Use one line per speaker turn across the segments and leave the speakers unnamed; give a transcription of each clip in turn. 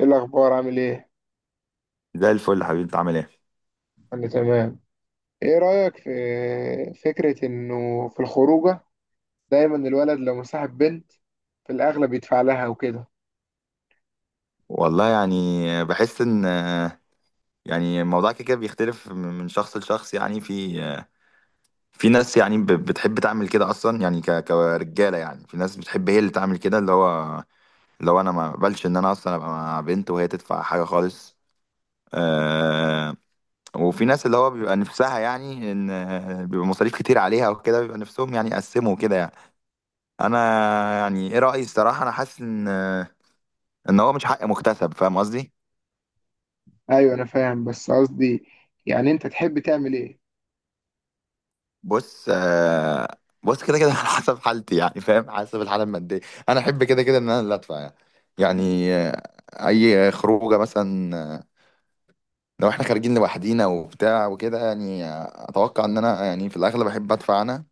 ايه الاخبار؟ عامل ايه؟
زي الفل يا حبيبي انت عامل ايه؟
انا تمام. ايه رايك في فكره انه في الخروجه دايما الولد لو مصاحب بنت في الاغلب يدفع لها وكده؟
والله يعني، بحس ان، يعني الموضوع كده كده بيختلف من شخص لشخص يعني. في ناس يعني بتحب تعمل كده اصلا يعني، كرجاله يعني. في ناس بتحب هي اللي تعمل كده. اللي هو لو انا ما بقبلش ان انا اصلا ابقى مع بنت وهي تدفع حاجه خالص. آه. وفي ناس اللي هو بيبقى نفسها، يعني ان بيبقى مصاريف كتير عليها وكده، بيبقى نفسهم يعني يقسموا كده يعني. انا يعني ايه رايي الصراحه، انا حاسس ان، ان هو مش حق مكتسب. فاهم قصدي؟
ايوه انا فاهم، بس قصدي يعني انت تحب تعمل ايه؟
بص بص كده كده على حسب حالتي يعني، فاهم، حسب الحاله الماديه. انا احب كده كده ان انا اللي ادفع يعني. يعني اي خروجه مثلا لو احنا خارجين لوحدينا وبتاع وكده يعني، اتوقع ان انا يعني في الاغلب احب ادفع انا.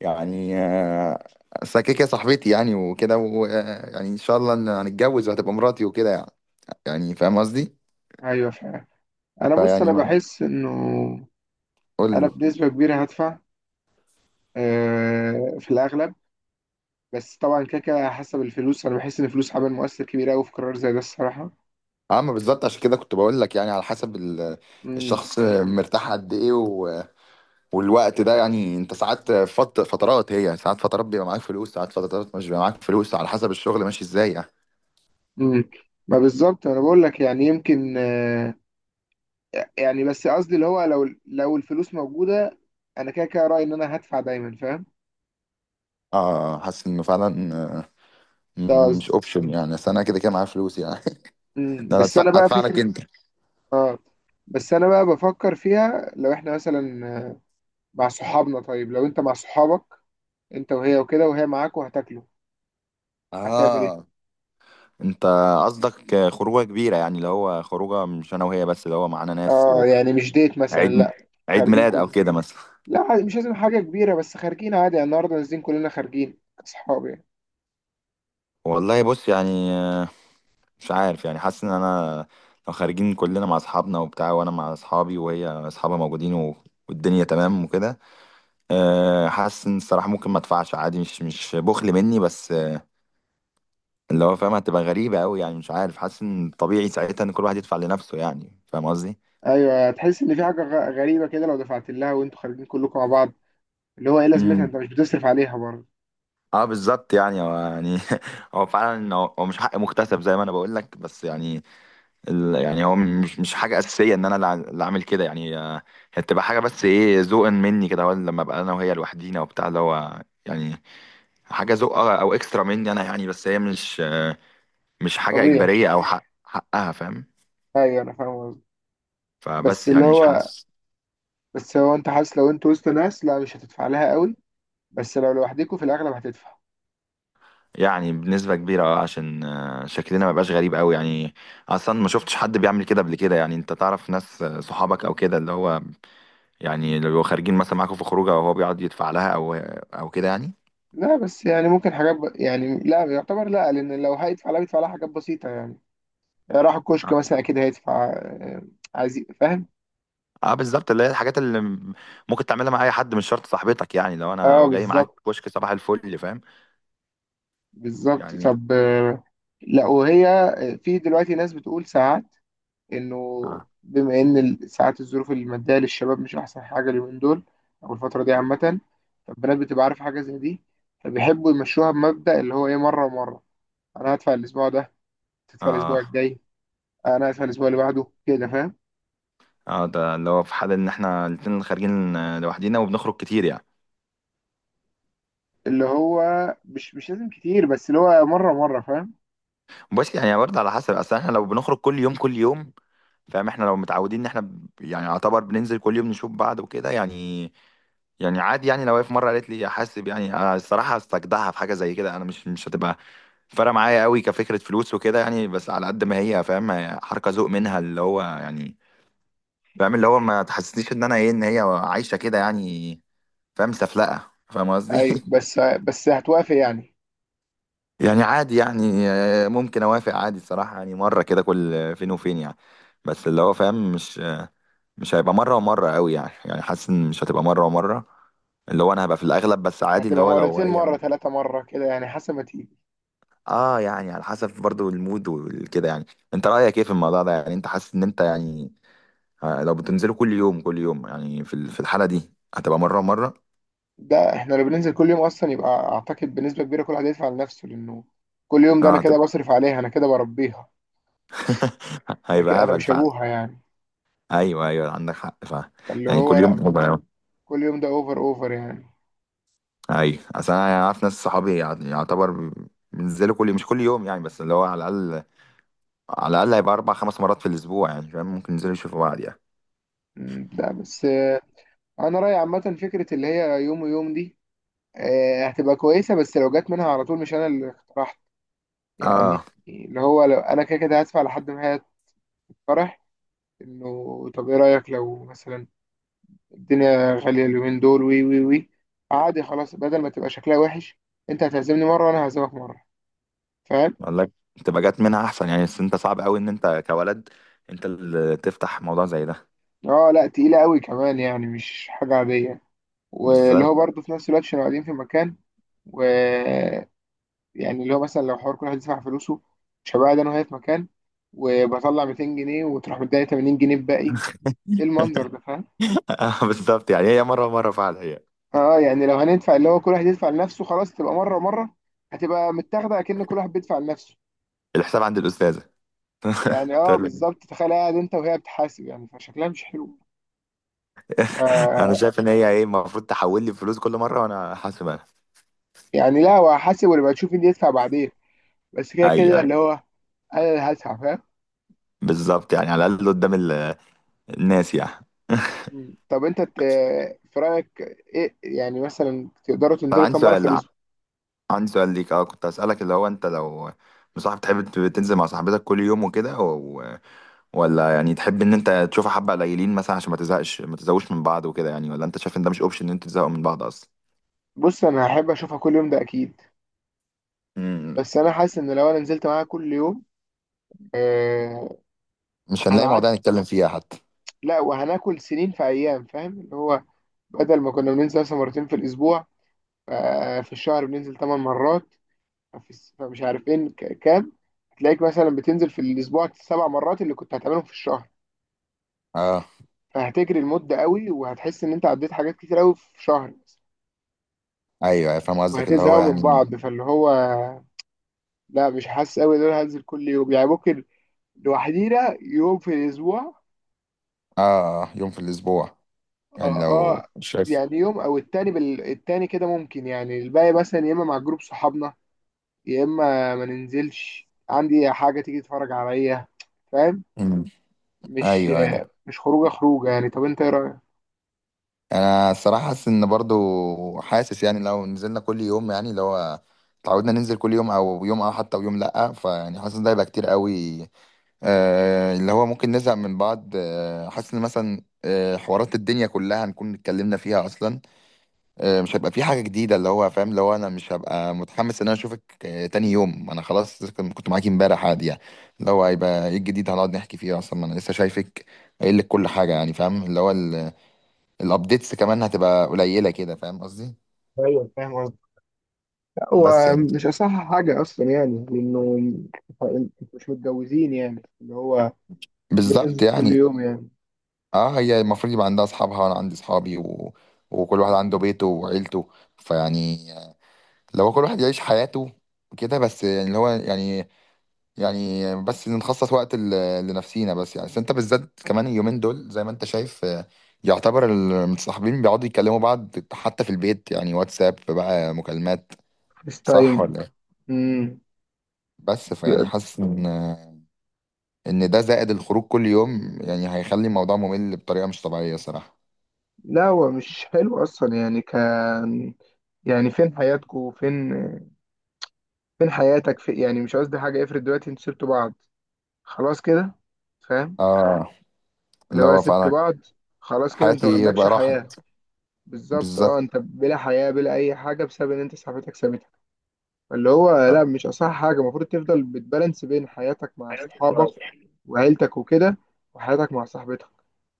يعني أصل كده كده صاحبتي يعني وكده، ويعني ان شاء الله ان هنتجوز وهتبقى مراتي وكده يعني. يعني فاهم قصدي؟
ايوه فاهم. انا، بص،
فيعني
انا بحس انه
قول
انا
لي.
بنسبه كبيره هدفع، في الاغلب. بس طبعا كده كده حسب الفلوس، انا بحس ان الفلوس عامل مؤثر كبير قوي في قرار زي ده الصراحه.
اما بالظبط، عشان كده كنت بقول لك، يعني على حسب
امم
الشخص مرتاح قد ايه. والوقت ده يعني، انت ساعات فترات، هي يعني ساعات فترات بيبقى معاك فلوس، ساعات فترات مش بيبقى معاك فلوس، على حسب الشغل ماشي ازاي يعني.
امم ما بالظبط، انا بقول لك يعني يمكن، يعني بس قصدي اللي هو لو الفلوس موجودة، انا كده كده رأيي ان انا هدفع دايما، فاهم؟
اه حاسس انه فعلا
ده
مش
قصدي.
اوبشن يعني، بس انا كده كده معايا فلوس يعني. ده انا
بس
ادفع
انا بقى
ادفع لك
فكرة،
انت.
اه، بس انا بقى بفكر فيها. لو احنا مثلا مع صحابنا، طيب لو انت مع صحابك انت وهي وكده، وهي معاك وهتاكلوا، هتعمل ايه؟
اه. انت قصدك خروجه كبيره يعني، اللي هو خروجه مش انا وهي بس، اللي هو معانا ناس
اه يعني مش ديت مثلا،
وعيد.
لا.
عيد
خارجين
ميلاد او
كلنا؟
كده مثلا.
لا عادي، مش لازم حاجة كبيرة بس خارجين عادي يعني، النهاردة نازلين كلنا خارجين كصحاب يعني.
والله بص يعني، مش عارف يعني، حاسس ان انا لو خارجين كلنا مع اصحابنا وبتاع، وانا مع اصحابي وهي اصحابها موجودين و... والدنيا تمام وكده، أه حاسس ان الصراحه ممكن ما ادفعش عادي. مش بخل مني، بس اللي هو فاهم، هتبقى غريبه قوي يعني. مش عارف، حاسس ان طبيعي ساعتها ان كل واحد يدفع لنفسه يعني. فاهم قصدي؟
ايوه، هتحس ان في حاجة غريبة كده لو دفعت لها وانتوا خارجين كلكم مع بعض. اللي هو ايه لازمتها،
امم
انت مش بتصرف عليها برضه.
اه بالظبط يعني. هو يعني هو فعلا، هو مش حق مكتسب زي ما انا بقول لك، بس يعني يعني هو مش حاجة أساسية إن أنا اللي أعمل كده يعني. هي بتبقى حاجة، بس إيه، ذوقا مني كده، هو لما أبقى أنا وهي لوحدينا وبتاع، اللي هو يعني حاجة ذوق أو أو إكسترا مني أنا يعني. بس هي مش مش حاجة
طبيعي.
إجبارية أو حق حقها. فاهم؟
ايوه انا فاهم قصدي. بس
فبس
اللي
يعني مش
هو،
حاسس.
بس هو انت حاسس لو انت وسط ناس لا مش هتدفع لها قوي، بس لو لوحدكوا في الاغلب هتدفع.
يعني بنسبة كبيرة أه، عشان شكلنا ما يبقاش غريب أوي يعني. أصلا ما شفتش حد بيعمل كده قبل كده يعني. أنت تعرف ناس صحابك أو كده، اللي هو يعني لو خارجين مثلا معاكوا في خروجه وهو بيقعد يدفع لها أو أو كده يعني.
لا بس يعني ممكن حاجات يعني لا يعتبر، لا، لان لو هيدفع لا بيدفع لها حاجات بسيطه يعني. راح الكشك مثلا
آه.
اكيد هيدفع، عايز فاهم؟
اه بالظبط، اللي هي الحاجات ممكن تعملها مع اي حد، مش شرط صاحبتك يعني. لو انا
اه
لو جاي معاك
بالظبط.
كشك صباح الفل. فاهم
بالظبط.
يعني؟
طب، لا وهي، في دلوقتي ناس بتقول ساعات انه
اه.
بما ان ساعات الظروف الماديه للشباب مش احسن حاجه اليومين دول او الفتره دي عامه، فالبنات بتبقى عارفه حاجه زي دي، فبيحبوا يمشوها بمبدا اللي هو ايه مره ومره. انا هدفع الاسبوع ده، تدفع الاسبوع
اه.
الجاي، انا هدفع الاسبوع اللي بعده كده، فاهم؟
اه ده اللي هو في حال ان احنا الاتنين خارجين لوحدينا وبنخرج كتير يعني.
اللي هو مش لازم كتير بس اللي هو مره مره، فاهم؟
بس يعني برضه على حسب، اصل احنا لو بنخرج كل يوم، فاهم، احنا لو متعودين ان احنا يعني يعتبر بننزل كل يوم نشوف بعض وكده يعني. يعني عادي يعني، لو هي في مره قالت لي احاسب يعني، أنا الصراحه استجدعها في حاجه زي كده. انا مش هتبقى فارقه معايا قوي كفكره فلوس وكده يعني، بس على قد ما هي فاهم، هي حركه ذوق منها اللي هو يعني. فاهم، اللي هو ما تحسسنيش ان انا ايه، ان هي عايشه كده يعني. فاهم، سفلقه. فاهم قصدي؟
ايوه، بس هتوافق يعني.
يعني عادي يعني ممكن اوافق عادي الصراحه يعني، مره كده كل فين وفين يعني. بس اللي هو فاهم، مش مش هيبقى مره ومره قوي يعني. يعني حاسس ان مش هتبقى مره ومره. اللي هو انا هبقى في الاغلب، بس عادي اللي
هتبقى
هو لو
مرتين،
هي.
مره ثلاثه مره كده يعني، حسب ما تيجي.
اه يعني على حسب برضو المود وكده يعني. انت رأيك ايه في الموضوع ده؟ يعني انت حاسس ان انت يعني لو بتنزلوا كل يوم يعني، في في الحالة دي هتبقى مرة مرة؟
ده احنا لو بننزل كل يوم اصلا يبقى اعتقد بنسبه كبيره كل واحد هيدفع لنفسه، لانه كل يوم ده انا
اه
كده
هتبقى.
بصرف عليها، انا كده بربيها، انا كده
هيبقى
انا
هبل
مش
فعلا.
ابوها يعني.
ايوه ايوه عندك حق فعلا.
فاللي
يعني
هو
كل يوم
لا،
هبل.
كل يوم ده اوفر اوفر يعني.
ايوه اصل انا يعني اعرف ناس صحابي يعتبر بينزلوا كل مش كل يوم يعني، بس اللي هو على الاقل، على الاقل هيبقى اربع خمس مرات في الاسبوع يعني. فاهم، ممكن ينزلوا يشوفوا بعض يعني.
لا بس، انا رايي عامه فكره اللي هي يوم ويوم دي هتبقى كويسه، بس لو جت منها على طول مش انا اللي اقترحت يعني.
اه
اللي هو لو انا كده كده هدفع لحد ما هي تقترح انه طب ايه رايك لو مثلا الدنيا غالية اليومين دول، وي وي وي، عادي خلاص بدل ما تبقى شكلها وحش، انت هتعزمني مرة وانا هعزمك مرة، فاهم؟
قال لك. تبقى جات منها احسن يعني، بس انت صعب قوي ان انت كولد، انت اللي تفتح موضوع زي ده.
اه لا تقيلة قوي كمان يعني، مش حاجة عادية. واللي هو
بالظبط.
برضه في نفس الوقت عشان قاعدين في مكان و... يعني اللي هو مثلا لو حوار كل واحد يدفع فلوسه، مش هبقى قاعد انا وهي في مكان وبطلع 200 جنيه وتروح مداني 80 جنيه بباقي ايه، المنظر ده فاهم؟
بالظبط يعني، هي مره مره فعلا هي.
اه يعني لو هندفع اللي هو كل واحد يدفع لنفسه، خلاص تبقى مرة مرة، هتبقى متاخدة كأن كل واحد بيدفع لنفسه.
الحساب عند الاستاذه.
يعني اه
تقول له
بالظبط، تخيل قاعد انت وهي بتحاسب يعني، فشكلها مش حلو.
انا
ف...
شايف ان هي ايه، المفروض تحول لي فلوس كل مره وانا حاسب انا.
يعني لا، هو هحاسب ولا تشوف مين يدفع بعدين، بس كده
ايوه
كده
ايوه
اللي هو انا اللي هدفع، فاهم؟
بالظبط، يعني على الاقل قدام الناس يعني.
طب انت، في رايك ايه يعني، مثلا تقدروا
طب
تنزلوا
عندي
كام مره في
سؤال،
الاسبوع؟
عندي سؤال ليك، اه كنت اسالك اللي هو، انت لو مصاحب، تحب تنزل مع صاحبتك كل يوم وكده، ولا يعني تحب ان انت تشوفها حبة قليلين مثلا عشان ما تزهقش ما تزهقوش من بعض وكده يعني؟ ولا انت شايف ان ده مش اوبشن ان انت تزهقوا من بعض اصلا؟
بص انا هحب اشوفها كل يوم ده اكيد،
مم.
بس انا حاسس ان لو انا نزلت معاها كل يوم، آه،
مش هنلاقي مواضيع
هنعد،
نتكلم فيها حتى.
لا وهناكل سنين في ايام، فاهم اللي هو بدل ما كنا بننزل مثلا مرتين في الاسبوع، آه، في الشهر بننزل 8 مرات، فمش عارف ايه، تلاقيك مثلا بتنزل في الاسبوع 7 مرات اللي كنت هتعملهم في الشهر،
اه
فهتجري المده قوي وهتحس ان انت عديت حاجات كتير قوي في شهر
ايوه فاهم قصدك اللي هو
وهتزهقوا من
يعني.
بعض. فاللي هو لا، مش حاسس قوي ان انا هنزل كل يوم يعني، ممكن لوحدينا يوم في الاسبوع.
اه يوم في الاسبوع، يعني
اه،
لو
اه
شايف.
يعني يوم او التاني التاني كده ممكن يعني، الباقي مثلا يا اما مع جروب صحابنا يا اما ما ننزلش، عندي حاجه تيجي تتفرج عليا فاهم؟
مم.
مش
ايوه ايوه.
مش خروجه خروجه يعني. طب انت ايه رايك؟
انا الصراحه حاسس ان برضو، حاسس يعني لو نزلنا كل يوم يعني، اللي هو اتعودنا ننزل كل يوم، او يوم اه حتى ويوم لا، فيعني حاسس ده هيبقى كتير قوي. اللي هو ممكن نزهق من بعض. حاسس ان مثلا حوارات الدنيا كلها هنكون اتكلمنا فيها اصلا. مش هيبقى في حاجه جديده اللي هو فاهم. اللي هو انا مش هبقى متحمس ان انا اشوفك تاني يوم، انا خلاص كنت معاكي امبارح عادي يعني. اللي هو هيبقى ايه الجديد هنقعد نحكي فيه اصلا، ما انا لسه شايفك قايل لك كل حاجه يعني. فاهم اللي هو الابديتس كمان هتبقى قليله كده. فاهم قصدي؟
ايوه فاهم.
بس
هو
يعني.
مش أصح حاجة أصلا يعني، لأنه أنتوا مش متجوزين يعني، اللي هو ليه
بالظبط
تنزل كل
يعني.
يوم يعني؟
اه هي المفروض يبقى عندها اصحابها وانا عندي اصحابي و... وكل واحد عنده بيته وعيلته. فيعني لو كل واحد يعيش حياته كده بس يعني، اللي هو يعني يعني بس نخصص وقت لنفسينا بس يعني. بس انت بالذات كمان اليومين دول زي ما انت شايف يعتبر المتصاحبين بيقعدوا يكلموا بعض حتى في البيت يعني، واتساب بقى، مكالمات.
فيس
صح
تايم.
ولا ايه؟
مم.
بس فيعني
بي-
حاسس ان ان ده زائد الخروج كل يوم يعني هيخلي الموضوع ممل بطريقة مش طبيعية صراحة.
لا هو مش حلو أصلا يعني، كان يعني فين حياتكوا، فين حياتك في يعني، مش قصدي حاجة، افرض دلوقتي انتوا سبتوا بعض خلاص كده، فاهم؟
اه
اللي
اللي
هو
هو
سبتوا
فعلا.
بعض خلاص كده، انت ما
حياتي
عندكش
بقى
حياة.
راحت.
بالظبط اه،
بالظبط.
انت بلا حياة بلا أي حاجة بسبب ان انت صاحبتك سابتك. اللي هو لا مش اصح حاجه، المفروض تفضل بتبالانس بين حياتك مع صحابك وعيلتك وكده وحياتك مع صاحبتك.